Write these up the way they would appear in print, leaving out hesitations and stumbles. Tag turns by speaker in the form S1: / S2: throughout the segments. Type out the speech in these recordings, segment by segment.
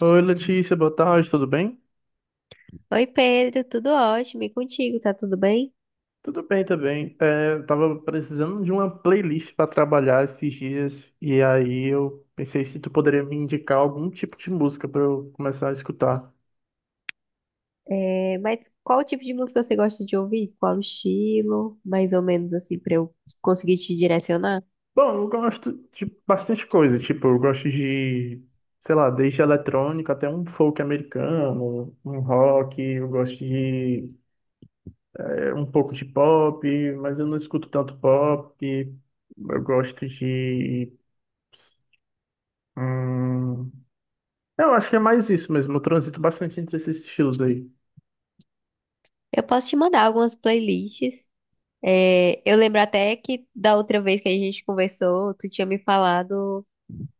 S1: Oi, Letícia, boa tarde, tudo bem?
S2: Oi Pedro, tudo ótimo? E contigo, tá tudo bem?
S1: Tudo bem também. Eu tava precisando de uma playlist para trabalhar esses dias e aí eu pensei se tu poderia me indicar algum tipo de música para eu começar a escutar.
S2: É, mas qual tipo de música você gosta de ouvir? Qual estilo? Mais ou menos assim, pra eu conseguir te direcionar?
S1: Bom, eu gosto de bastante coisa, tipo, eu gosto de, sei lá, desde eletrônica até um folk americano, um rock, eu gosto de um pouco de pop, mas eu não escuto tanto pop. Eu gosto de hum, eu acho que é mais isso mesmo. Eu transito bastante entre esses estilos aí.
S2: Eu posso te mandar algumas playlists. É, eu lembro até que da outra vez que a gente conversou, tu tinha me falado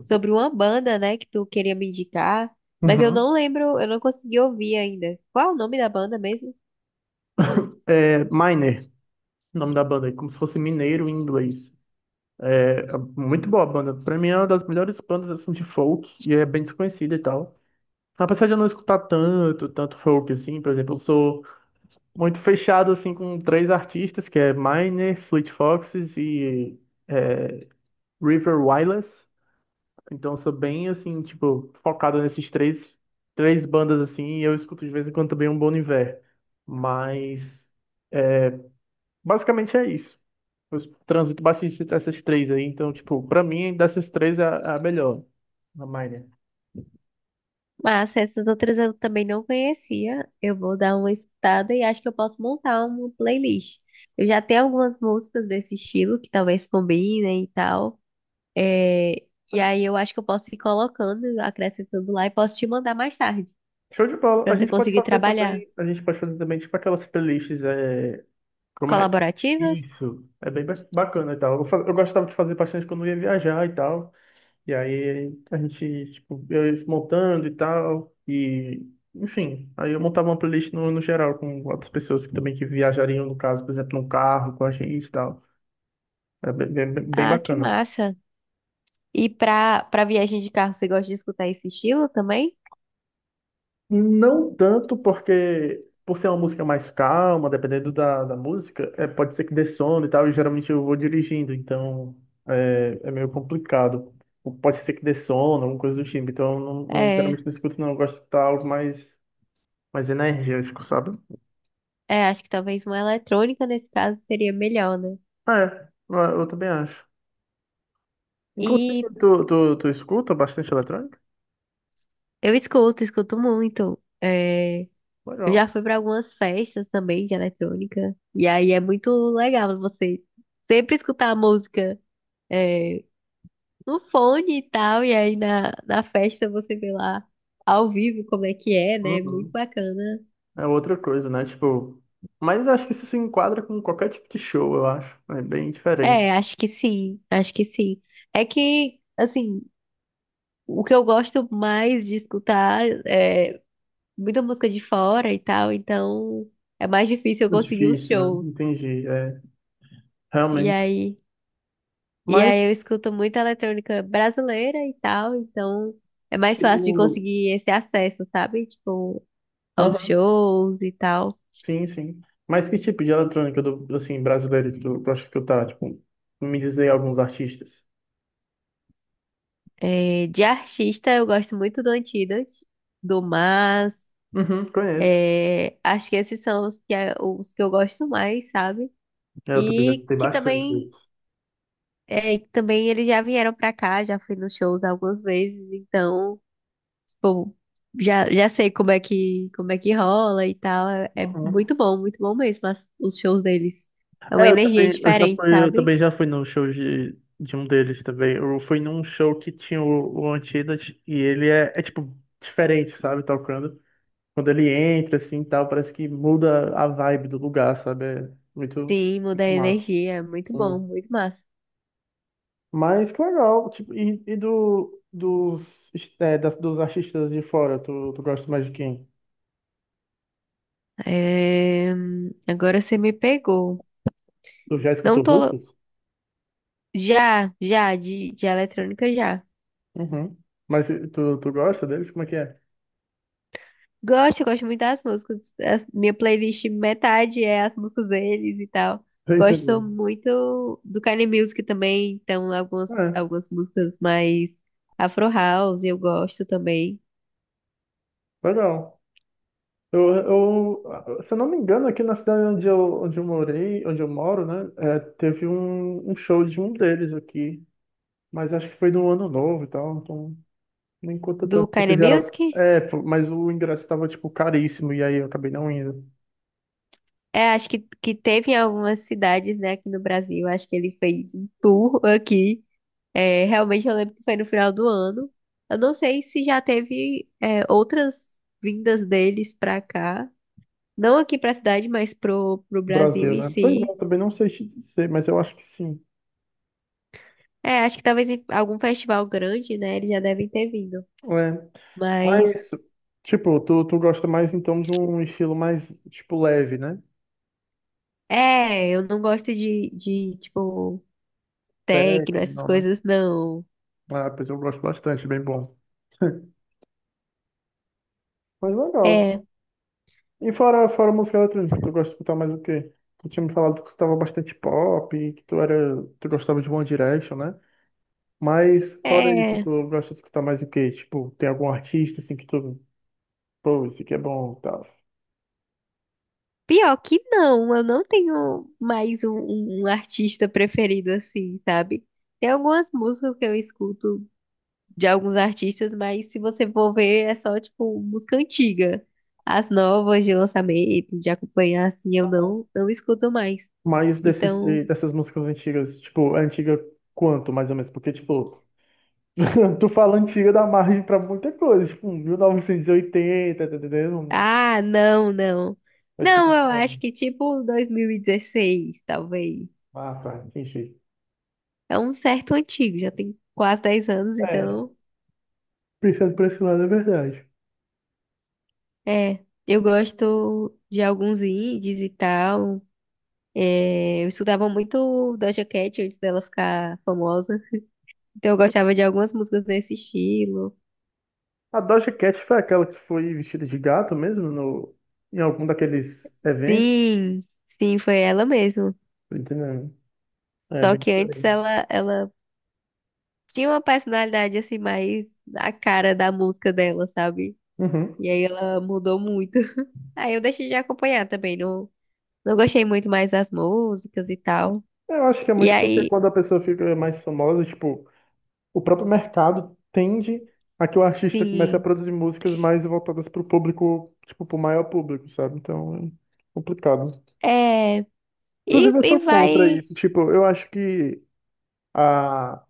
S2: sobre uma banda, né, que tu queria me indicar, mas eu
S1: Uhum.
S2: não lembro, eu não consegui ouvir ainda. Qual é o nome da banda mesmo?
S1: É Miner, o nome da banda, é como se fosse mineiro em inglês. É muito boa a banda. Pra mim é uma das melhores bandas assim de folk e é bem desconhecida e tal. Apesar de eu não escutar tanto, tanto folk assim, por exemplo, eu sou muito fechado assim com três artistas, que é Miner, Fleet Foxes e é, River Wireless. Então eu sou bem assim, tipo, focado nesses três, três bandas assim, e eu escuto de vez em quando também um Bon Iver. Mas basicamente é isso. Eu transito bastante entre essas três aí. Então, tipo, pra mim, dessas três é a melhor. A Miner.
S2: Mas essas outras eu também não conhecia. Eu vou dar uma escutada e acho que eu posso montar uma playlist. Eu já tenho algumas músicas desse estilo que talvez combinem e tal. É, e aí eu acho que eu posso ir colocando, acrescentando lá e posso te mandar mais tarde,
S1: Show de bola.
S2: pra
S1: A
S2: você
S1: gente pode
S2: conseguir
S1: fazer
S2: trabalhar.
S1: também. A gente pode fazer também, tipo, aquelas playlists. É... como é?
S2: Colaborativas?
S1: Isso. É bem bacana e tal. Eu, eu gostava de fazer bastante quando eu ia viajar e tal. E aí a gente, tipo, eu ia montando e tal. E enfim, aí eu montava uma playlist no geral com outras pessoas que também que viajariam, no caso, por exemplo, num carro com a gente e tal. É bem, bem
S2: Ah, que
S1: bacana.
S2: massa! E pra viagem de carro, você gosta de escutar esse estilo também?
S1: Não tanto porque, por ser uma música mais calma, dependendo da música, é, pode ser que dê sono e tal, e geralmente eu vou dirigindo, então é, é meio complicado. Ou pode ser que dê sono, alguma coisa do tipo, então eu não, não,
S2: É,
S1: geralmente não escuto, não, eu gosto de estar mais, mais energético, sabe?
S2: é, acho que talvez uma eletrônica nesse caso seria melhor, né?
S1: É, eu também acho. Inclusive,
S2: E
S1: tu escuta bastante eletrônica?
S2: eu escuto, escuto muito. É, eu já
S1: Legal.
S2: fui pra algumas festas também de eletrônica. E aí é muito legal você sempre escutar a música, é, no fone e tal. E aí na festa você vê lá ao vivo como é que é, né? Muito
S1: Uhum.
S2: bacana.
S1: É outra coisa, né? Tipo, mas acho que isso se enquadra com qualquer tipo de show, eu acho. É bem diferente.
S2: É, acho que sim, acho que sim. É que, assim, o que eu gosto mais de escutar é muita música de fora e tal. Então é mais difícil eu
S1: É
S2: conseguir os
S1: difícil, né?
S2: shows.
S1: Entendi, é,
S2: E
S1: realmente.
S2: aí. E aí
S1: Mas,
S2: eu escuto muita eletrônica brasileira e tal, então é mais fácil de
S1: tipo,
S2: conseguir esse acesso, sabe? Tipo, aos
S1: aham,
S2: shows e tal.
S1: sim, sim. Mas que tipo de eletrônica do, assim, brasileiro que tu acha que tu tá, tipo, me diz aí alguns artistas.
S2: É, de artista, eu gosto muito do Antidas, do Mas.
S1: Uhum, conheço.
S2: É, acho que esses são os que, é, os que eu gosto mais, sabe?
S1: É, eu também já
S2: E
S1: escutei
S2: que
S1: bastante
S2: também,
S1: deles.
S2: é, que também eles já vieram pra cá, já fui nos shows algumas vezes, então. Tipo, já, já sei como é que rola e tal. É, é
S1: Uhum.
S2: muito bom mesmo os shows deles. É uma
S1: É, eu
S2: energia
S1: também, eu já
S2: diferente,
S1: fui, eu
S2: sabe?
S1: também já fui num show de um deles também. Eu fui num show que tinha o Antidote e ele é tipo diferente, sabe, tocando. Quando ele entra, assim, e tal, parece que muda a vibe do lugar, sabe? É muito,
S2: Sim, muda a
S1: muito massa.
S2: energia. É muito bom,
S1: Sim.
S2: muito massa.
S1: Mas que legal, tipo, e do, dos, é, das, dos artistas de fora, tu gosta mais de quem?
S2: É, agora você me pegou.
S1: Tu já
S2: Não
S1: escutou
S2: tô.
S1: Rufus?
S2: Já, já, de eletrônica já.
S1: Uhum. Mas tu gosta deles? Como é que é?
S2: Gosto, eu gosto muito das músicas. A minha playlist, metade é as músicas deles e tal.
S1: Tô
S2: Gosto
S1: entendendo.
S2: muito do Kanye Music também, então algumas,
S1: É,
S2: algumas músicas mais Afro House eu gosto também.
S1: legal. Eu, eu, se eu não me engano, aqui na cidade onde eu morei, onde eu moro, né, é, teve um, um show de um deles aqui, mas acho que foi no ano novo e tal, então não conta
S2: Do
S1: tanto, porque
S2: Kanye
S1: já era.
S2: Music?
S1: É, pô, mas o ingresso estava, tipo, caríssimo, e aí eu acabei não indo.
S2: É, acho que teve em algumas cidades, né, aqui no Brasil. Acho que ele fez um tour aqui. É, realmente eu lembro que foi no final do ano. Eu não sei se já teve, é, outras vindas deles pra cá. Não aqui pra cidade, mas pro Brasil
S1: Brasil,
S2: em
S1: né? Pois é,
S2: si.
S1: eu também não sei te dizer, mas eu acho que sim.
S2: É, acho que talvez em algum festival grande, né? Eles já devem ter vindo.
S1: É. Mas,
S2: Mas,
S1: tipo, tu gosta mais então de um estilo mais, tipo, leve, né?
S2: é, eu não gosto de tipo, techno,
S1: Técnico,
S2: essas
S1: não, né?
S2: coisas, não.
S1: Ah, pois eu gosto bastante, bem bom. Mas legal.
S2: É,
S1: E fora música eletrônica, tu gosta de escutar mais o quê? Tu tinha me falado que tu estava bastante pop, que tu era, tu gostava de One Direction, né? Mas fora isso,
S2: é.
S1: tu gosta de escutar mais o quê? Tipo, tem algum artista assim que tu, pô, esse aqui é bom, e tal.
S2: Pior que não, eu não tenho mais um, um artista preferido assim, sabe? Tem algumas músicas que eu escuto de alguns artistas, mas se você for ver, é só, tipo, música antiga. As novas de lançamento, de acompanhar, assim, eu
S1: Uhum.
S2: não, não escuto mais.
S1: Mas desses,
S2: Então,
S1: dessas músicas antigas, tipo, antiga quanto, mais ou menos? Porque, tipo, tu fala antiga dá margem pra muita coisa, tipo, um 1980, tá entendendo?
S2: ah, não, não.
S1: É
S2: Não,
S1: tipo,
S2: eu
S1: é,
S2: acho que, tipo, 2016, talvez.
S1: ah, tá, entendi.
S2: É um certo antigo, já tem quase 10 anos,
S1: É,
S2: então,
S1: pensando por esse lado é verdade.
S2: é. Eu gosto de alguns indies e tal. É, eu escutava muito Doja Cat antes dela ficar famosa. Então eu gostava de algumas músicas nesse estilo.
S1: A Doja Cat foi aquela que foi vestida de gato mesmo no, em algum daqueles eventos,
S2: Sim, sim, foi ela mesmo.
S1: tá entendendo? É
S2: Só
S1: bem
S2: que antes
S1: diferente.
S2: ela, ela tinha uma personalidade assim mais a cara da música dela, sabe?
S1: Uhum.
S2: E aí ela mudou muito. Aí eu deixei de acompanhar também, não, não gostei muito mais das músicas e tal.
S1: Eu acho que é
S2: E
S1: muito porque
S2: aí,
S1: quando a pessoa fica mais famosa, tipo, o próprio mercado tende a que o artista comece a
S2: sim,
S1: produzir músicas mais voltadas para o público, tipo, para o maior público, sabe? Então é complicado.
S2: é,
S1: Inclusive, eu
S2: e
S1: sou contra
S2: vai
S1: isso. Tipo, eu acho que a...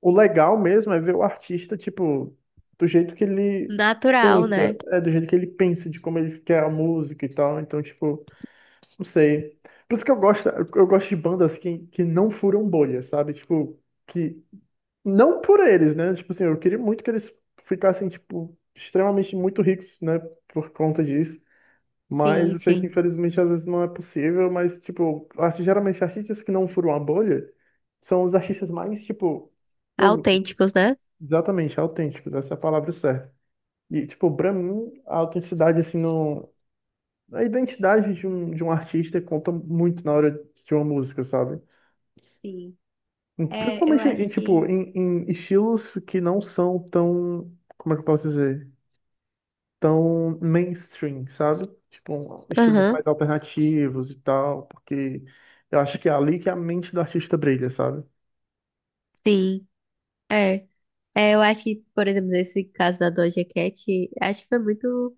S1: o legal mesmo é ver o artista, tipo, do jeito que ele
S2: natural,
S1: pensa,
S2: né?
S1: é do jeito que ele pensa, de como ele quer a música e tal. Então, tipo, não sei. Por isso que eu gosto de bandas que não furam bolha, sabe? Tipo, que não por eles, né? Tipo assim, eu queria muito que eles ficassem, tipo, extremamente muito ricos, né? Por conta disso. Mas
S2: Sim,
S1: eu sei que
S2: sim.
S1: infelizmente às vezes não é possível, mas, tipo, geralmente artistas que não furam a bolha são os artistas mais, tipo, únicos.
S2: Autênticos, né?
S1: Exatamente, autênticos, essa é a palavra certa. E, tipo, pra mim, a autenticidade, assim, no... a identidade de um artista conta muito na hora de uma música, sabe?
S2: Sim. É, eu
S1: Principalmente em,
S2: acho
S1: tipo,
S2: que.
S1: em, em estilos que não são tão, como é que eu posso dizer? Tão mainstream, sabe? Tipo, estilos mais
S2: Aham,
S1: alternativos e tal, porque eu acho que é ali que a mente do artista brilha, sabe?
S2: sim. É. É, eu acho que, por exemplo, nesse caso da Doja Cat, acho que foi muito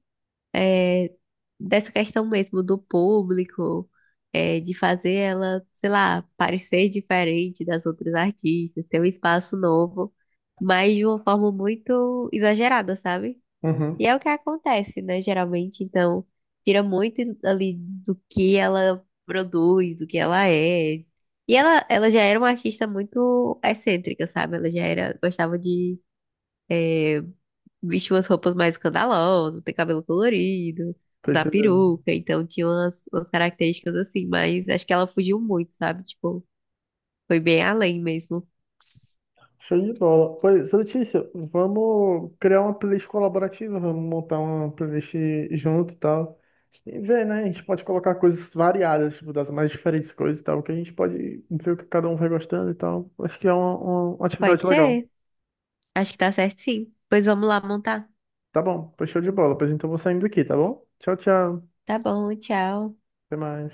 S2: dessa questão mesmo do público, é, de fazer ela, sei lá, parecer diferente das outras artistas, ter um espaço novo, mas de uma forma muito exagerada, sabe? E
S1: Uhum.
S2: é o que acontece, né, geralmente, então, tira muito ali do que ela produz, do que ela é. E ela já era uma artista muito excêntrica, sabe? Ela já era, gostava de vestia umas roupas mais escandalosas, ter cabelo colorido,
S1: Tô
S2: usar
S1: entendendo.
S2: peruca, então tinha umas, umas características assim, mas acho que ela fugiu muito, sabe? Tipo, foi bem além mesmo.
S1: Show de bola. Pois, ô, Letícia, vamos criar uma playlist colaborativa, vamos montar uma playlist junto e tal. E ver, né? A gente pode colocar coisas variadas, tipo, das mais diferentes coisas e tal, que a gente pode ver o que cada um vai gostando e tal. Acho que é uma, uma atividade
S2: Pode
S1: legal.
S2: ser, acho que tá certo sim. Pois vamos lá montar.
S1: Tá bom, pois show de bola. Pois então eu vou saindo aqui, tá bom? Tchau, tchau.
S2: Tá bom, tchau.
S1: Até mais.